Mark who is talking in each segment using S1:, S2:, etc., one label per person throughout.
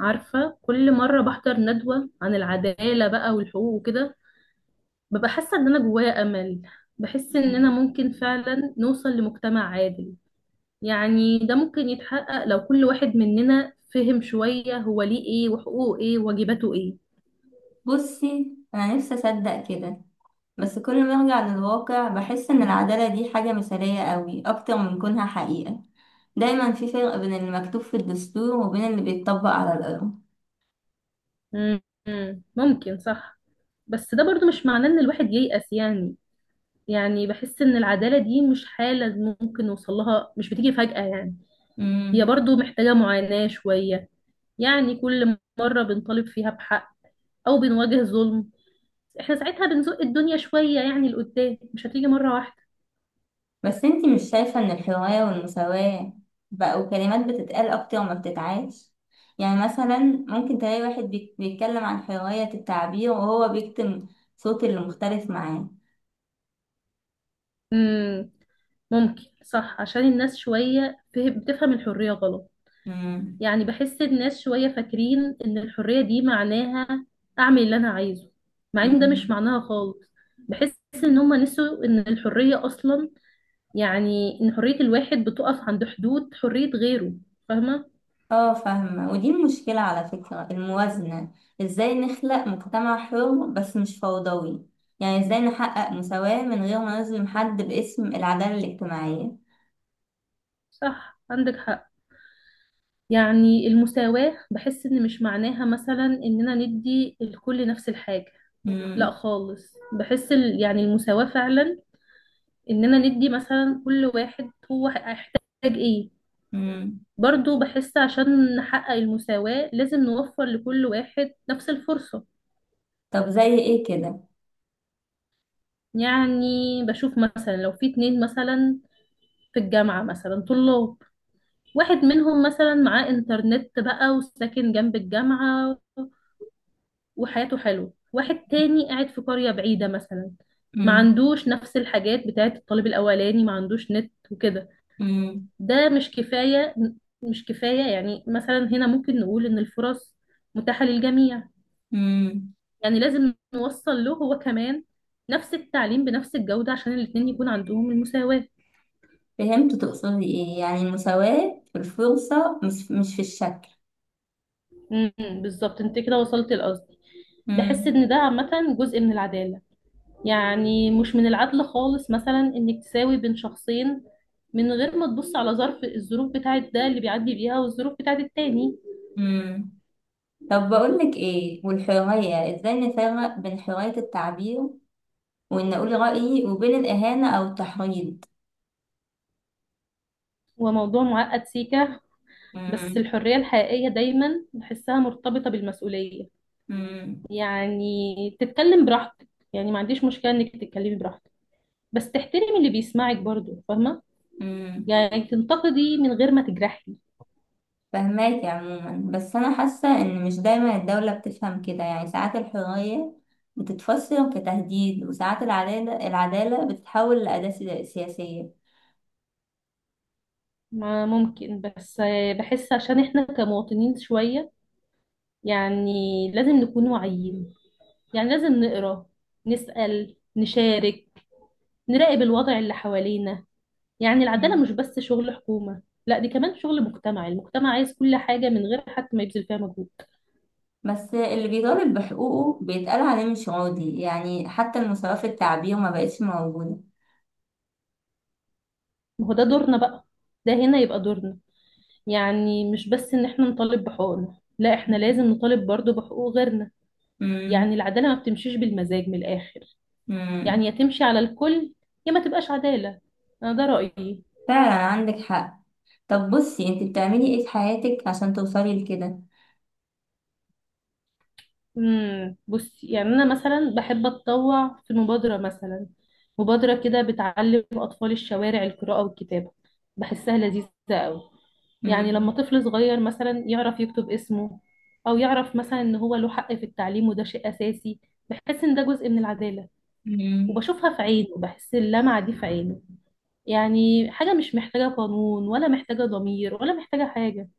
S1: عارفة كل مرة بحضر ندوة عن العدالة بقى والحقوق وكده، ببقى حاسة ان انا جوايا امل. بحس اننا
S2: مم.
S1: ممكن فعلا نوصل لمجتمع عادل. يعني ده ممكن يتحقق لو كل واحد مننا فهم شوية هو ليه ايه وحقوقه ايه وواجباته ايه.
S2: بصي أنا نفسي أصدق كده. بس كل ما أرجع للواقع بحس إن العدالة دي حاجة مثالية قوي أكتر من كونها حقيقة. دايما في فرق بين المكتوب في الدستور وبين اللي بيتطبق على الأرض.
S1: مم. ممكن صح. بس ده برضو مش معناه ان الواحد ييأس يعني. يعني بحس ان العدالة دي مش حالة ممكن نوصل لها، مش بتيجي فجأة يعني. هي
S2: مم.
S1: برضو محتاجة معاناة شوية. يعني كل مرة بنطالب فيها بحق أو بنواجه ظلم، احنا ساعتها بنزق الدنيا شوية يعني لقدام، مش هتيجي مرة واحدة.
S2: بس أنتي مش شايفة إن الحرية والمساواة بقوا كلمات بتتقال أكتر ما بتتعاش؟ يعني مثلا ممكن تلاقي واحد بيتكلم عن حرية التعبير وهو بيكتم صوت اللي مختلف معاه.
S1: امم ممكن صح، عشان الناس شوية بتفهم الحرية غلط. يعني بحس الناس شوية فاكرين إن الحرية دي معناها أعمل اللي أنا عايزه، مع إن ده مش
S2: مم.
S1: معناها خالص. بحس إن هما نسوا إن الحرية أصلا، يعني إن حرية الواحد بتقف عند حدود حرية غيره. فاهمة؟
S2: اه فاهمة، ودي المشكلة على فكرة، الموازنة. ازاي نخلق مجتمع حر بس مش فوضوي؟ يعني ازاي نحقق مساواة من غير ما نظلم حد باسم العدالة الاجتماعية؟
S1: صح، عندك حق. يعني المساواة بحس إن مش معناها مثلا إننا ندي الكل نفس الحاجة. لا
S2: مم.
S1: خالص. بحس يعني المساواة فعلا إننا ندي مثلا كل واحد هو هيحتاج إيه.
S2: مم.
S1: برضو بحس عشان نحقق المساواة لازم نوفر لكل واحد نفس الفرصة.
S2: طب زي ايه كده؟
S1: يعني بشوف مثلا لو في اتنين مثلا في الجامعة مثلا طلاب، واحد منهم مثلا معاه إنترنت بقى وساكن جنب الجامعة وحياته حلوة، واحد تاني قاعد في قرية بعيدة مثلا، ما
S2: مم.
S1: عندوش نفس الحاجات بتاعت الطالب الأولاني، ما عندوش نت وكده.
S2: مم.
S1: ده مش كفاية. مش كفاية. يعني مثلا هنا ممكن نقول إن الفرص متاحة للجميع.
S2: مم.
S1: يعني لازم نوصل له هو كمان نفس التعليم بنفس الجودة عشان الاتنين يكون عندهم المساواة.
S2: فهمت تقصدي ايه، يعني المساواة في الفرصة، مش في الشكل.
S1: امم بالظبط، انت كده وصلت لقصدي. بحس
S2: مم.
S1: ان ده عامة جزء من العدالة. يعني مش من العدل خالص مثلا انك تساوي بين شخصين من غير ما تبص على الظروف بتاعت ده اللي بيعدي بيها والظروف بتاعت التاني.
S2: مم. طب بقولك ايه، والحرية ازاي نفرق بين حرية التعبير وان اقول رأيي وبين الاهانة او التحريض؟
S1: هو موضوع معقد سيكا. بس
S2: مم.
S1: الحرية الحقيقية دايما بحسها مرتبطة بالمسؤولية.
S2: مم.
S1: يعني تتكلم براحتك، يعني ما عنديش مشكلة انك تتكلمي براحتك، بس تحترمي اللي بيسمعك برضو. فاهمة؟
S2: مم.
S1: يعني تنتقدي من غير ما تجرحي.
S2: فهماكي عموما، بس أنا حاسة إن مش دايما الدولة بتفهم كده. يعني ساعات الحرية بتتفسر كتهديد، وساعات العدالة بتتحول لأداة سياسية.
S1: ما ممكن، بس بحس عشان احنا كمواطنين شوية، يعني لازم نكون واعيين. يعني لازم نقرا، نسأل، نشارك، نراقب الوضع اللي حوالينا. يعني العدالة
S2: مم.
S1: مش بس شغل حكومة. لا، دي كمان شغل مجتمعي. المجتمع عايز كل حاجة من غير حتى ما يبذل فيها مجهود.
S2: بس اللي بيطالب بحقوقه بيتقال عليه مش راضي، يعني حتى المساواة في التعبير ما بقتش موجودة.
S1: ما هو ده دورنا بقى. ده هنا يبقى دورنا. يعني مش بس ان احنا نطالب بحقوقنا، لا احنا لازم نطالب برضو بحقوق غيرنا.
S2: مم.
S1: يعني العدالة ما بتمشيش بالمزاج، من الآخر.
S2: مم.
S1: يعني يا تمشي على الكل، يا ما تبقاش عدالة. انا ده رأيي.
S2: فعلا عندك حق. طب بصي، انت بتعملي ايه في حياتك عشان توصلي لكده؟
S1: بصي، يعني انا مثلا بحب اتطوع في مبادره مثلا، مبادره كده بتعلم اطفال الشوارع القراءه والكتابه. بحسها لذيذه قوي. يعني لما
S2: مم.
S1: طفل صغير مثلا يعرف يكتب اسمه، او يعرف مثلا ان هو له حق في التعليم، وده شيء اساسي، بحس ان ده جزء من العداله.
S2: مم.
S1: وبشوفها في عينه، بحس اللمعه دي في عينه. يعني حاجه مش محتاجه قانون، ولا محتاجه ضمير، ولا محتاجه حاجه.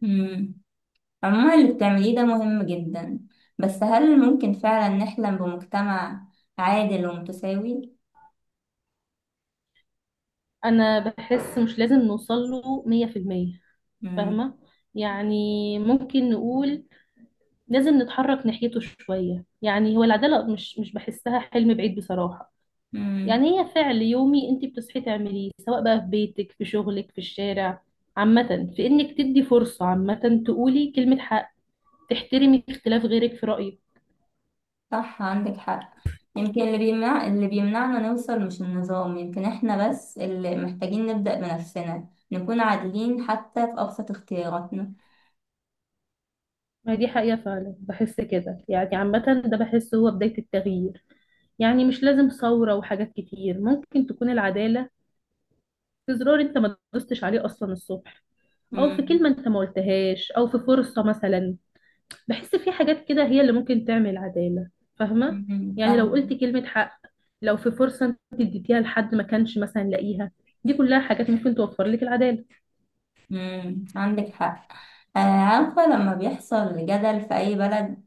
S2: مم. عموما اللي بتعمليه ده مهم جدا، بس هل ممكن فعلا نحلم بمجتمع عادل ومتساوي؟
S1: انا بحس مش لازم نوصل له 100%.
S2: مم.
S1: فاهمه؟ يعني ممكن نقول لازم نتحرك ناحيته شويه. يعني هو العداله مش بحسها حلم بعيد بصراحه.
S2: مم.
S1: يعني هي فعل يومي انت بتصحي تعمليه، سواء بقى في بيتك، في شغلك، في الشارع. عامه في انك تدي فرصه، عامه تقولي كلمه حق، تحترمي اختلاف غيرك في رايك.
S2: صح عندك حق. يمكن اللي بيمنع، اللي بيمنعنا نوصل مش النظام، يمكن احنا بس اللي محتاجين نبدأ بنفسنا، نكون عادلين حتى في أبسط اختياراتنا.
S1: ما دي حقيقه فعلا، بحس كده. يعني عامه ده بحسه هو بدايه التغيير. يعني مش لازم ثورة وحاجات كتير، ممكن تكون العدالة في زرار انت ما دوستش عليه اصلا الصبح، او في
S2: مم.
S1: كلمة انت ما قلتهاش، او في فرصة مثلا. بحس في حاجات كده هي اللي ممكن تعمل عدالة. فاهمة؟
S2: مم.
S1: يعني لو قلت
S2: فاهم.
S1: كلمة حق، لو في فرصة انت اديتيها لحد ما كانش مثلا لاقيها، دي كلها حاجات ممكن توفر لك العدالة.
S2: مم. عندك حق. آه، عارفة لما بيحصل جدل في أي بلد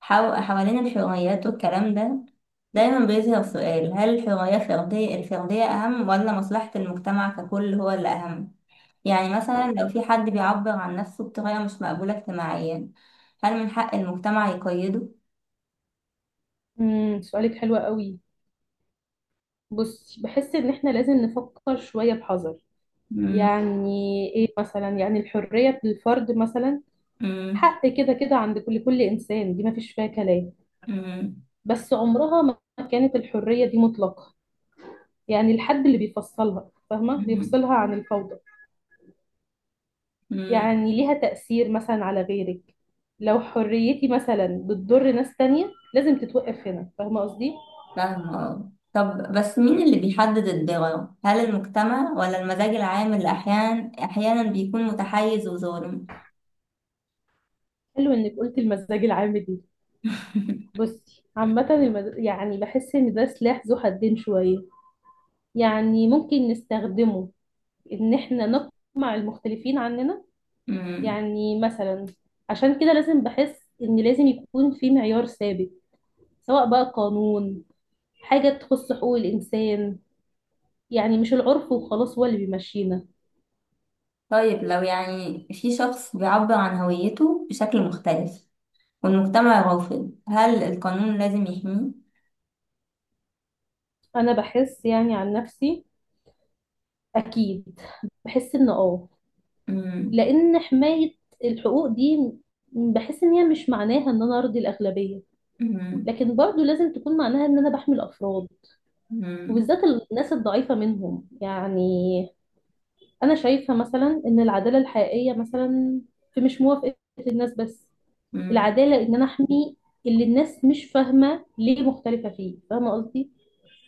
S2: حوالين الحريات والكلام ده، دايما بيظهر سؤال: هل الحرية الفردية أهم ولا مصلحة المجتمع ككل هو اللي أهم؟ يعني مثلا لو في حد بيعبر عن نفسه بطريقة مش مقبولة اجتماعيا، هل من حق المجتمع يقيده؟
S1: سؤالك حلو قوي. بصي بحس ان احنا لازم نفكر شوية بحذر.
S2: مم،
S1: يعني ايه مثلا، يعني الحرية للفرد مثلا
S2: مم،
S1: حق كده كده عند كل انسان، دي ما فيش فيها كلام.
S2: مم،
S1: بس عمرها ما كانت الحرية دي مطلقة. يعني الحد اللي بيفصلها، فاهمة،
S2: مم،
S1: بيفصلها عن الفوضى.
S2: مم.
S1: يعني ليها تأثير مثلا على غيرك. لو حريتي مثلا بتضر ناس تانية لازم تتوقف هنا. فاهمة قصدي؟
S2: فاهمة آه. طب بس مين اللي بيحدد الضرر؟ هل المجتمع ولا المزاج العام، اللي أحيانا بيكون متحيز وظالم؟
S1: حلو انك قلت المزاج العام دي. بصي عامة يعني بحس ان ده سلاح ذو حدين شوية. يعني ممكن نستخدمه ان احنا نقمع المختلفين عننا.
S2: مم.
S1: يعني مثلا عشان كده لازم بحس ان لازم يكون في معيار ثابت، سواء بقى قانون، حاجة تخص حقوق الإنسان. يعني مش العرف وخلاص هو اللي بيمشينا.
S2: طيب لو يعني في شخص بيعبر عن هويته بشكل مختلف والمجتمع رافض، هل القانون لازم يحميه؟
S1: أنا بحس يعني عن نفسي أكيد. بحس إن
S2: مم،
S1: لأن حماية الحقوق دي، بحس إن هي مش معناها إن أنا أرضي الأغلبية،
S2: مم،
S1: لكن برضو لازم تكون معناها إن أنا بحمي الأفراد،
S2: مم،
S1: وبالذات الناس الضعيفة منهم. يعني أنا شايفة مثلا إن العدالة الحقيقية مثلا في مش موافقة الناس بس.
S2: مم.
S1: العدالة إن أنا أحمي اللي الناس مش فاهمة ليه مختلفة فيه. فاهمة قصدي؟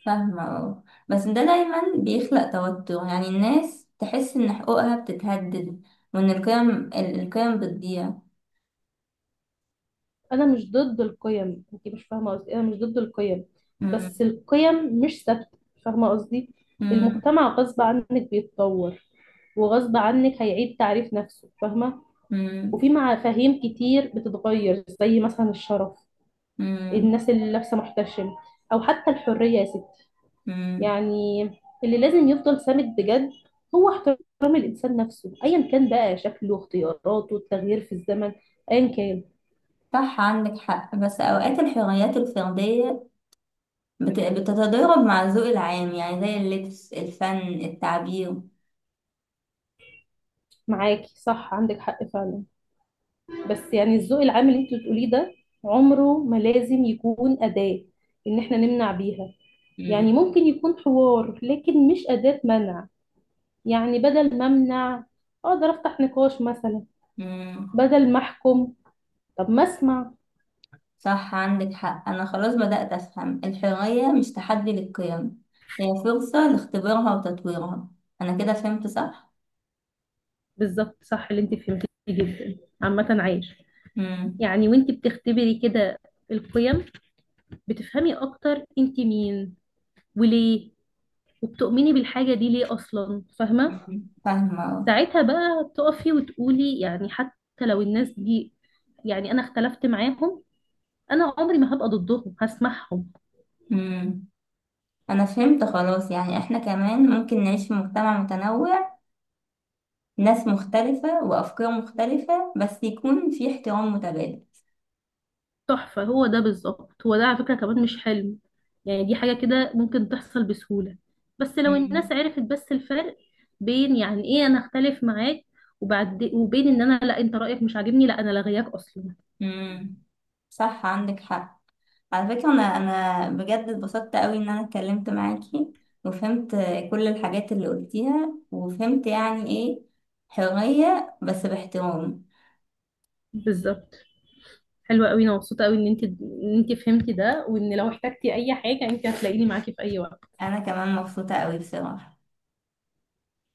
S2: فاهمة اه. بس ده دايما بيخلق توتر، يعني الناس تحس إن حقوقها بتتهدد وإن القيم بتضيع.
S1: أنا مش ضد القيم، أنت مش فاهمة قصدي، أنا مش ضد القيم.
S2: مم،
S1: بس القيم مش ثابتة. فاهمة قصدي؟
S2: مم،
S1: المجتمع غصب عنك بيتطور، وغصب عنك هيعيد تعريف نفسه. فاهمة؟
S2: مم،
S1: وفي مفاهيم كتير بتتغير، زي مثلا الشرف،
S2: مم،
S1: الناس اللي لابسة محتشم، أو حتى الحرية يا ستي.
S2: مم.
S1: يعني اللي لازم يفضل سامد بجد هو احترام الإنسان نفسه، أيا كان بقى شكله، اختياراته، التغيير في الزمن، أيا كان.
S2: صح عندك حق. بس أوقات الحريات الفردية بتتضارب مع الذوق العام، يعني زي اللبس، الفن، التعبير.
S1: معاكي، صح عندك حق فعلا. بس يعني الذوق العام اللي انت بتقوليه ده عمره ما لازم يكون أداة إن احنا نمنع بيها. يعني
S2: مم.
S1: ممكن يكون حوار، لكن مش أداة منع. يعني بدل ما أمنع، أقدر أفتح نقاش مثلا.
S2: مم.
S1: بدل ما أحكم، طب ما أسمع.
S2: صح عندك حق. أنا خلاص بدأت أفهم الحرية مش تحدي للقيم، هي فرصة لاختبارها وتطويرها. أنا كده فهمت صح؟
S1: بالظبط، صح اللي انت فهمتيه جدا عامة عايش.
S2: مم.
S1: يعني وانت بتختبري كده القيم، بتفهمي اكتر انت مين، وليه، وبتؤمني بالحاجة دي ليه اصلا. فاهمة؟
S2: مم. فاهمة أهو.
S1: ساعتها بقى تقفي وتقولي يعني حتى لو الناس دي، يعني انا اختلفت معاهم، انا عمري ما هبقى ضدهم، هسمعهم.
S2: مم. أنا فهمت خلاص، يعني إحنا كمان ممكن نعيش في مجتمع متنوع، ناس مختلفة وأفكار مختلفة، بس يكون في احترام متبادل.
S1: تحفة، هو ده بالظبط. هو ده على فكرة كمان مش حلم. يعني دي حاجة كده ممكن تحصل بسهولة، بس لو
S2: مم.
S1: الناس عرفت بس الفرق بين يعني ايه انا اختلف معاك، وبين ان انا، لا انت رايك مش عاجبني، لا انا لغياك اصلا.
S2: مم. صح عندك حق. على فكرة أنا بجد اتبسطت قوي إن أنا اتكلمت معاكي، وفهمت كل الحاجات اللي قلتيها، وفهمت يعني إيه حرية بس باحترام.
S1: بالظبط. حلوة قوي، انا مبسوطة قوي ان انت فهمتي ده، وان لو احتجتي اي حاجة انت هتلاقيني معاكي في اي وقت.
S2: أنا كمان مبسوطة قوي بصراحة.